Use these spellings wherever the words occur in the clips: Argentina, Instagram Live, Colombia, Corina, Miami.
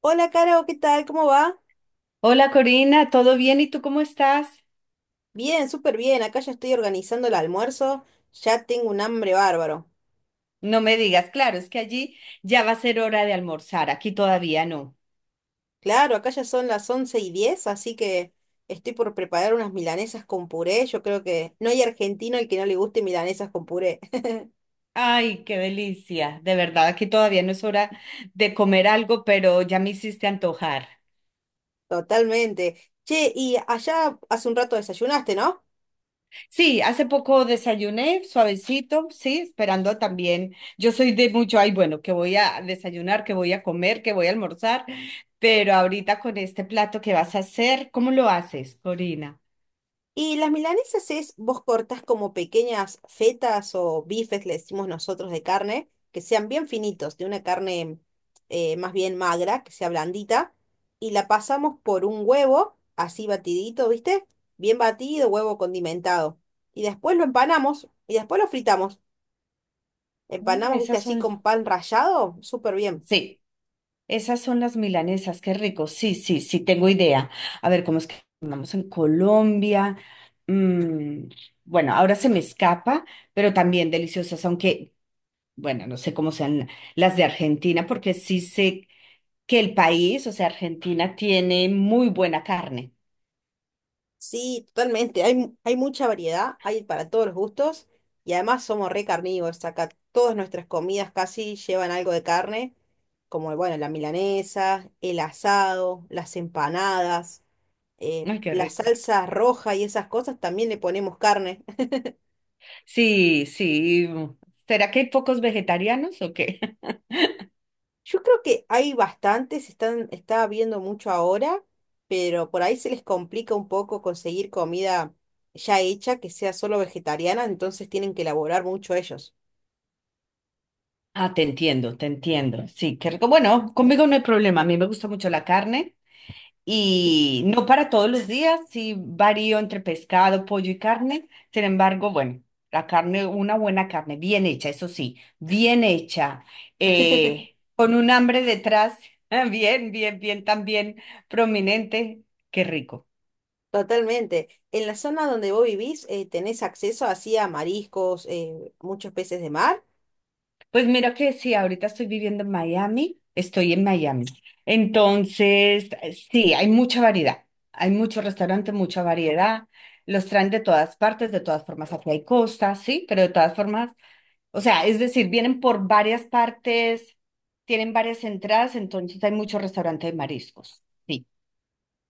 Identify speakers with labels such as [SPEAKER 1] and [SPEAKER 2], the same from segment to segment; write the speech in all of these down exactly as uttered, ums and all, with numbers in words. [SPEAKER 1] Hola, Caro, ¿qué tal? ¿Cómo va?
[SPEAKER 2] Hola Corina, ¿todo bien? ¿Y tú cómo estás?
[SPEAKER 1] Bien, súper bien. Acá ya estoy organizando el almuerzo. Ya tengo un hambre bárbaro.
[SPEAKER 2] No me digas, claro, es que allí ya va a ser hora de almorzar, aquí todavía no.
[SPEAKER 1] Claro, acá ya son las once y diez, así que estoy por preparar unas milanesas con puré. Yo creo que no hay argentino al que no le guste milanesas con puré.
[SPEAKER 2] Ay, qué delicia, de verdad, aquí todavía no es hora de comer algo, pero ya me hiciste antojar.
[SPEAKER 1] Totalmente. Che, y allá hace un rato desayunaste, ¿no?
[SPEAKER 2] Sí, hace poco desayuné, suavecito, sí, esperando también. Yo soy de mucho, ay, bueno, que voy a desayunar, que voy a comer, que voy a almorzar, pero ahorita con este plato que vas a hacer, ¿cómo lo haces, Corina?
[SPEAKER 1] Y las milanesas es, vos cortás como pequeñas fetas o bifes, le decimos nosotros, de carne, que sean bien finitos, de una carne eh, más bien magra, que sea blandita, y la pasamos por un huevo, así batidito, ¿viste? Bien batido, huevo condimentado. Y después lo empanamos y después lo fritamos.
[SPEAKER 2] Mm,
[SPEAKER 1] Empanamos, ¿viste?
[SPEAKER 2] esas
[SPEAKER 1] Así
[SPEAKER 2] son,
[SPEAKER 1] con pan rallado, súper bien.
[SPEAKER 2] sí. Esas son las milanesas, qué rico. Sí, sí, sí, tengo idea. A ver, ¿cómo es que llamamos en Colombia? Mm, bueno, ahora se me escapa, pero también deliciosas, aunque, bueno, no sé cómo sean las de Argentina, porque sí sé que el país, o sea, Argentina, tiene muy buena carne.
[SPEAKER 1] Sí, totalmente. Hay, mu- hay mucha variedad, hay para todos los gustos y además somos re carnívoros. Acá todas nuestras comidas casi llevan algo de carne, como bueno, la milanesa, el asado, las empanadas, eh,
[SPEAKER 2] Ay, qué
[SPEAKER 1] la
[SPEAKER 2] rico.
[SPEAKER 1] salsa roja y esas cosas también le ponemos carne.
[SPEAKER 2] Sí, sí. ¿Será que hay pocos vegetarianos o qué?
[SPEAKER 1] Yo creo que hay bastantes, están, está viendo mucho ahora, pero por ahí se les complica un poco conseguir comida ya hecha que sea solo vegetariana, entonces tienen que elaborar mucho ellos.
[SPEAKER 2] Ah, te entiendo, te entiendo. Sí, qué rico. Bueno, conmigo no hay problema. A mí me gusta mucho la carne. Y no para todos los días, sí varío entre pescado, pollo y carne. Sin embargo, bueno, la carne, una buena carne, bien hecha, eso sí, bien hecha, eh, con un hambre detrás, bien, bien, bien, también prominente, qué rico.
[SPEAKER 1] Totalmente. En la zona donde vos vivís, eh, tenés acceso así a mariscos, eh, muchos peces de mar.
[SPEAKER 2] Pues mira que sí, ahorita estoy viviendo en Miami, estoy en Miami. Entonces, sí, hay mucha variedad, hay muchos restaurantes, mucha variedad. Los traen de todas partes, de todas formas, aquí hay costa, sí, pero de todas formas. O sea, es decir, vienen por varias partes, tienen varias entradas, entonces hay muchos restaurantes de mariscos. Sí.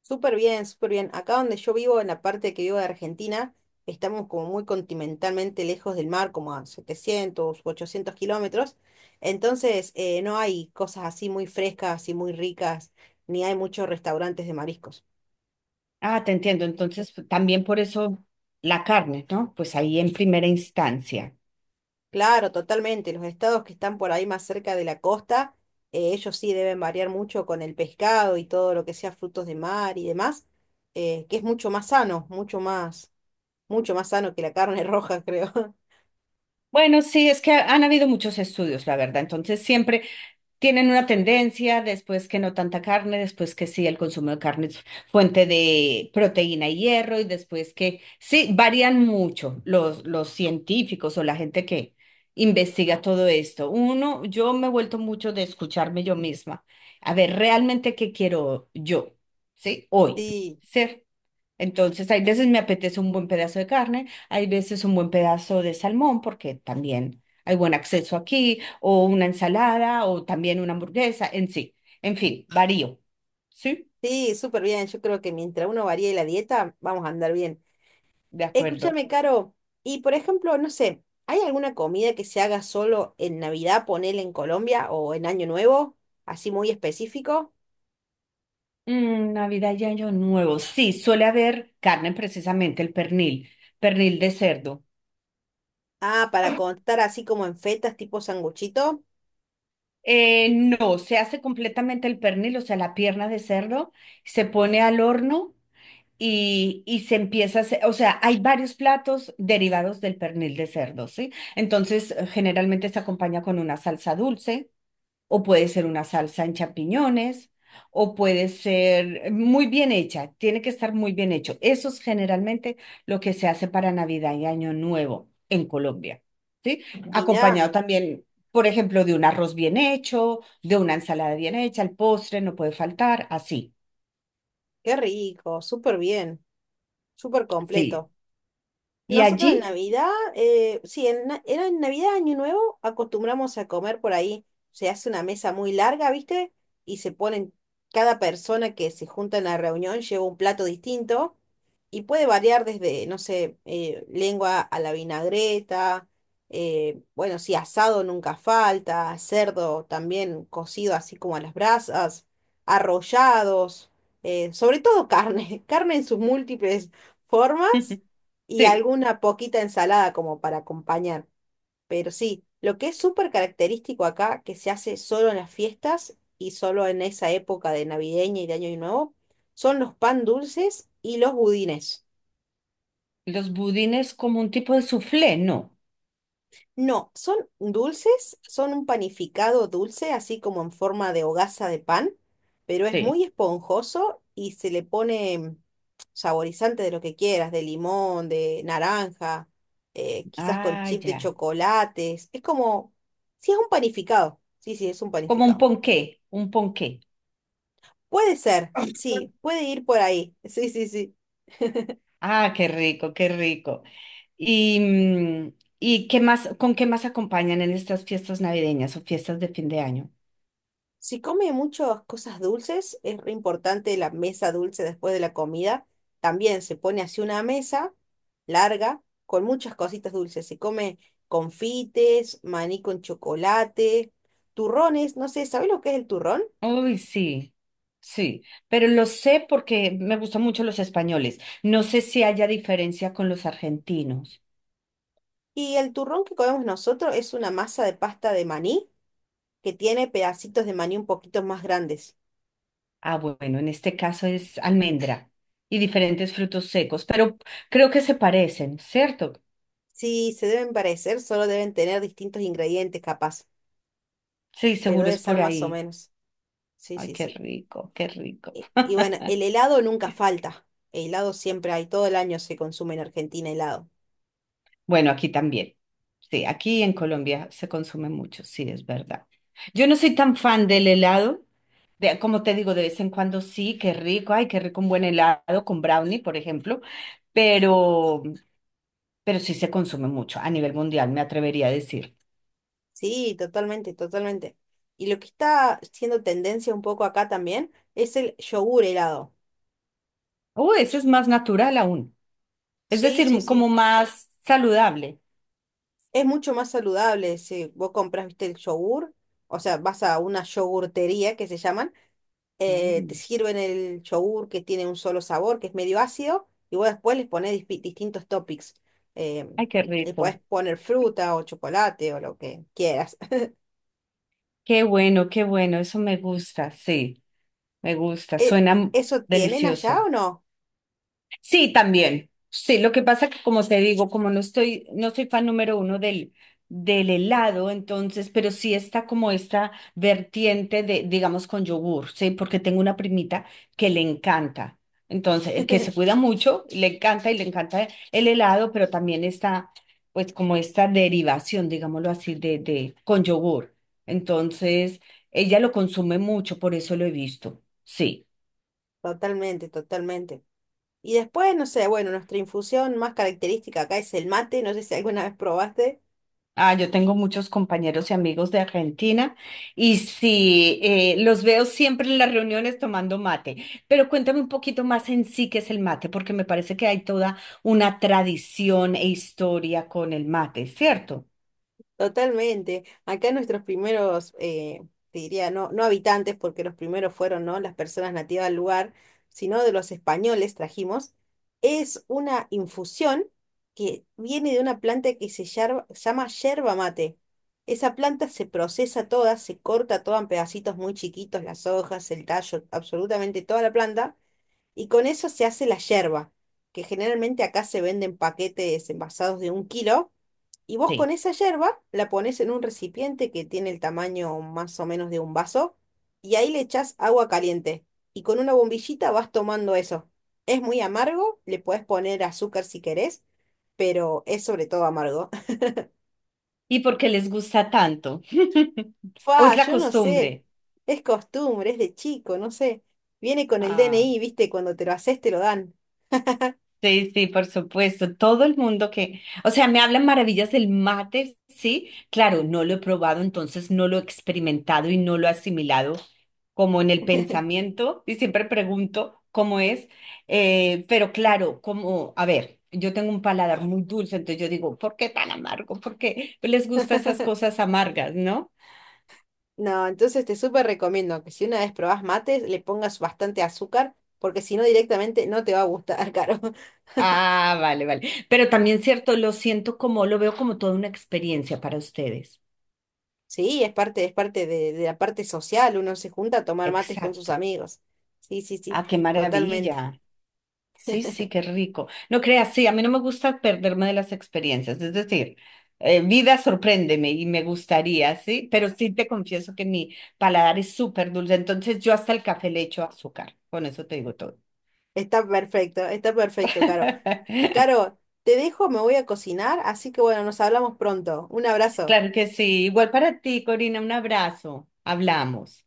[SPEAKER 1] Súper bien, súper bien. Acá donde yo vivo, en la parte que vivo de Argentina, estamos como muy continentalmente lejos del mar, como a setecientos, u ochocientos kilómetros. Entonces, eh, no hay cosas así muy frescas y muy ricas, ni hay muchos restaurantes de mariscos.
[SPEAKER 2] Ah, te entiendo. Entonces, pues, también por eso la carne, ¿no? Pues ahí en primera instancia.
[SPEAKER 1] Claro, totalmente. Los estados que están por ahí más cerca de la costa, eh, ellos sí deben variar mucho con el pescado y todo lo que sea frutos de mar y demás, eh, que es mucho más sano, mucho más, mucho más sano que la carne roja, creo.
[SPEAKER 2] Bueno, sí, es que han habido muchos estudios, la verdad. Entonces, siempre, tienen una tendencia, después que no tanta carne, después que sí, el consumo de carne es fuente de proteína y hierro, y después que sí, varían mucho los, los científicos o la gente que investiga todo esto. Uno, yo me he vuelto mucho de escucharme yo misma, a ver realmente qué quiero yo, ¿sí? Hoy,
[SPEAKER 1] Sí,
[SPEAKER 2] ¿sí? Entonces, hay veces me apetece un buen pedazo de carne, hay veces un buen pedazo de salmón, porque también hay buen acceso aquí, o una ensalada, o también una hamburguesa, en sí. En fin, varío. ¿Sí?
[SPEAKER 1] sí, súper bien. Yo creo que mientras uno varíe la dieta, vamos a andar bien.
[SPEAKER 2] De acuerdo.
[SPEAKER 1] Escúchame, Caro, y por ejemplo, no sé, ¿hay alguna comida que se haga solo en Navidad, ponele en Colombia o en Año Nuevo, así muy específico?
[SPEAKER 2] Mm, Navidad y Año Nuevo. Sí, suele haber carne, precisamente el pernil, pernil de cerdo.
[SPEAKER 1] Ah, para contar así como en fetas tipo sanguchito.
[SPEAKER 2] Eh, no, se hace completamente el pernil, o sea, la pierna de cerdo, se pone al horno. Y, y se empieza a hacer, o sea, hay varios platos derivados del pernil de cerdo, ¿sí? Entonces, eh, generalmente se acompaña con una salsa dulce, o puede ser una salsa en champiñones, o puede ser eh, muy bien hecha, tiene que estar muy bien hecho. Eso es generalmente lo que se hace para Navidad y Año Nuevo en Colombia, ¿sí?
[SPEAKER 1] Mirá,
[SPEAKER 2] Acompañado también, por ejemplo, de un arroz bien hecho, de una ensalada bien hecha, el postre no puede faltar, así,
[SPEAKER 1] qué rico, súper bien, súper
[SPEAKER 2] sí.
[SPEAKER 1] completo.
[SPEAKER 2] Y
[SPEAKER 1] Nosotros en
[SPEAKER 2] allí,
[SPEAKER 1] Navidad, eh, sí, en, na- era en Navidad, Año Nuevo, acostumbramos a comer por ahí. Se hace una mesa muy larga, ¿viste? Y se ponen, cada persona que se junta en la reunión lleva un plato distinto y puede variar desde, no sé, eh, lengua a la vinagreta, eh, bueno, sí, asado nunca falta, cerdo también cocido así como a las brasas, arrollados, eh, sobre todo carne, carne en sus múltiples formas y
[SPEAKER 2] sí.
[SPEAKER 1] alguna poquita ensalada como para acompañar. Pero sí, lo que es súper característico acá, que se hace solo en las fiestas y solo en esa época de navideña y de Año Nuevo, son los pan dulces y los budines.
[SPEAKER 2] Los budines como un tipo de soufflé, no.
[SPEAKER 1] No, son dulces, son un panificado dulce, así como en forma de hogaza de pan, pero es
[SPEAKER 2] Sí.
[SPEAKER 1] muy esponjoso y se le pone saborizante de lo que quieras, de limón, de naranja, eh, quizás con
[SPEAKER 2] Ah,
[SPEAKER 1] chip de
[SPEAKER 2] ya.
[SPEAKER 1] chocolates. Es como, sí, es un panificado. Sí, sí, es un
[SPEAKER 2] Como un
[SPEAKER 1] panificado.
[SPEAKER 2] ponqué, un ponqué.
[SPEAKER 1] Puede ser, sí, puede ir por ahí. Sí, sí, sí.
[SPEAKER 2] Ah, qué rico, qué rico. Y, mm, ¿y qué más, con qué más acompañan en estas fiestas navideñas o fiestas de fin de año?
[SPEAKER 1] Si come muchas cosas dulces, es re importante la mesa dulce después de la comida. También se pone así una mesa larga con muchas cositas dulces. Se come confites, maní con chocolate, turrones, no sé, ¿sabés lo que es el turrón?
[SPEAKER 2] Uy, sí, sí, pero lo sé porque me gustan mucho los españoles. No sé si haya diferencia con los argentinos.
[SPEAKER 1] Y el turrón que comemos nosotros es una masa de pasta de maní que tiene pedacitos de maní un poquito más grandes.
[SPEAKER 2] Ah, bueno, en este caso es almendra y diferentes frutos secos, pero creo que se parecen, ¿cierto?
[SPEAKER 1] Si se deben parecer, solo deben tener distintos ingredientes capaz,
[SPEAKER 2] Sí,
[SPEAKER 1] pero
[SPEAKER 2] seguro
[SPEAKER 1] debe
[SPEAKER 2] es
[SPEAKER 1] ser
[SPEAKER 2] por
[SPEAKER 1] más o
[SPEAKER 2] ahí.
[SPEAKER 1] menos. Sí,
[SPEAKER 2] Ay,
[SPEAKER 1] sí,
[SPEAKER 2] qué
[SPEAKER 1] sí.
[SPEAKER 2] rico, qué rico.
[SPEAKER 1] Y y bueno, el helado nunca falta. El helado siempre hay, todo el año se consume en Argentina helado.
[SPEAKER 2] Bueno, aquí también. Sí, aquí en Colombia se consume mucho, sí, es verdad. Yo no soy tan fan del helado. De, como te digo, de vez en cuando sí, qué rico, ay, qué rico un buen helado con brownie, por ejemplo, pero, pero sí se consume mucho a nivel mundial, me atrevería a decir.
[SPEAKER 1] Sí, totalmente, totalmente. Y lo que está siendo tendencia un poco acá también es el yogur helado.
[SPEAKER 2] Oh, ese es más natural aún, es
[SPEAKER 1] Sí, sí,
[SPEAKER 2] decir, como
[SPEAKER 1] sí.
[SPEAKER 2] más saludable.
[SPEAKER 1] Es mucho más saludable si vos compras, viste, el yogur, o sea, vas a una yogurtería que se llaman, eh, te
[SPEAKER 2] Mm.
[SPEAKER 1] sirven el yogur que tiene un solo sabor, que es medio ácido, y vos después les pones dispi- distintos toppings. Eh,
[SPEAKER 2] Ay, qué
[SPEAKER 1] le
[SPEAKER 2] rico.
[SPEAKER 1] podés poner fruta o chocolate o lo que quieras.
[SPEAKER 2] Qué bueno, qué bueno, eso me gusta, sí. Me gusta,
[SPEAKER 1] e-
[SPEAKER 2] suena m-
[SPEAKER 1] ¿Eso tienen allá
[SPEAKER 2] delicioso.
[SPEAKER 1] o no?
[SPEAKER 2] Sí, también. Sí, lo que pasa que como te digo, como no estoy, no soy fan número uno del, del helado, entonces, pero sí está como esta vertiente de, digamos, con yogur, sí, porque tengo una primita que le encanta. Entonces, eh, que se cuida mucho, le encanta y le encanta el helado, pero también está, pues, como esta derivación, digámoslo así, de, de, con yogur. Entonces, ella lo consume mucho, por eso lo he visto. Sí.
[SPEAKER 1] Totalmente, totalmente. Y después, no sé, bueno, nuestra infusión más característica acá es el mate, no sé si alguna vez probaste.
[SPEAKER 2] Ah, yo tengo muchos compañeros y amigos de Argentina y sí, eh, los veo siempre en las reuniones tomando mate. Pero cuéntame un poquito más en sí qué es el mate, porque me parece que hay toda una tradición e historia con el mate, ¿cierto?
[SPEAKER 1] Totalmente. Acá nuestros primeros, eh, te diría, no, no habitantes, porque los primeros fueron, ¿no? Las personas nativas del lugar, sino de los españoles trajimos, es una infusión que viene de una planta que se yerba- llama yerba mate. Esa planta se procesa toda, se corta toda en pedacitos muy chiquitos, las hojas, el tallo, absolutamente toda la planta. Y con eso se hace la yerba, que generalmente acá se venden paquetes envasados de un kilo. Y vos con
[SPEAKER 2] Sí.
[SPEAKER 1] esa yerba la pones en un recipiente que tiene el tamaño más o menos de un vaso y ahí le echás agua caliente. Y con una bombillita vas tomando eso. Es muy amargo, le puedes poner azúcar si querés, pero es sobre todo amargo.
[SPEAKER 2] ¿Y por qué les gusta tanto? ¿O
[SPEAKER 1] Fa,
[SPEAKER 2] es la
[SPEAKER 1] yo no sé.
[SPEAKER 2] costumbre?
[SPEAKER 1] Es costumbre, es de chico, no sé. Viene con el
[SPEAKER 2] Ah.
[SPEAKER 1] D N I, ¿viste? Cuando te lo haces te lo dan.
[SPEAKER 2] Sí, sí, por supuesto. Todo el mundo que, o sea, me hablan maravillas del mate, sí. Claro, no lo he probado, entonces no lo he experimentado y no lo he asimilado como en el pensamiento y siempre pregunto cómo es. Eh, pero claro, como, a ver, yo tengo un paladar muy dulce, entonces yo digo, ¿por qué tan amargo? ¿Por qué les gustan esas cosas amargas, no?
[SPEAKER 1] No, entonces te súper recomiendo que si una vez probás mates, le pongas bastante azúcar, porque si no directamente no te va a gustar, Caro.
[SPEAKER 2] Ah, vale, vale. Pero también cierto, lo siento como, lo veo como toda una experiencia para ustedes.
[SPEAKER 1] Sí, es parte, es parte de, de la parte social, uno se junta a tomar mates con sus
[SPEAKER 2] Exacto.
[SPEAKER 1] amigos. Sí, sí, sí,
[SPEAKER 2] Ah, qué
[SPEAKER 1] totalmente.
[SPEAKER 2] maravilla. Sí, sí, qué rico. No creas, sí, a mí no me gusta perderme de las experiencias, es decir, eh, vida sorpréndeme y me gustaría, sí, pero sí te confieso que mi paladar es súper dulce, entonces yo hasta el café le echo azúcar, con eso te digo todo.
[SPEAKER 1] Está perfecto, está perfecto, Caro. Caro, te dejo, me voy a cocinar, así que bueno, nos hablamos pronto. Un abrazo.
[SPEAKER 2] Claro que sí, igual para ti, Corina, un abrazo, hablamos.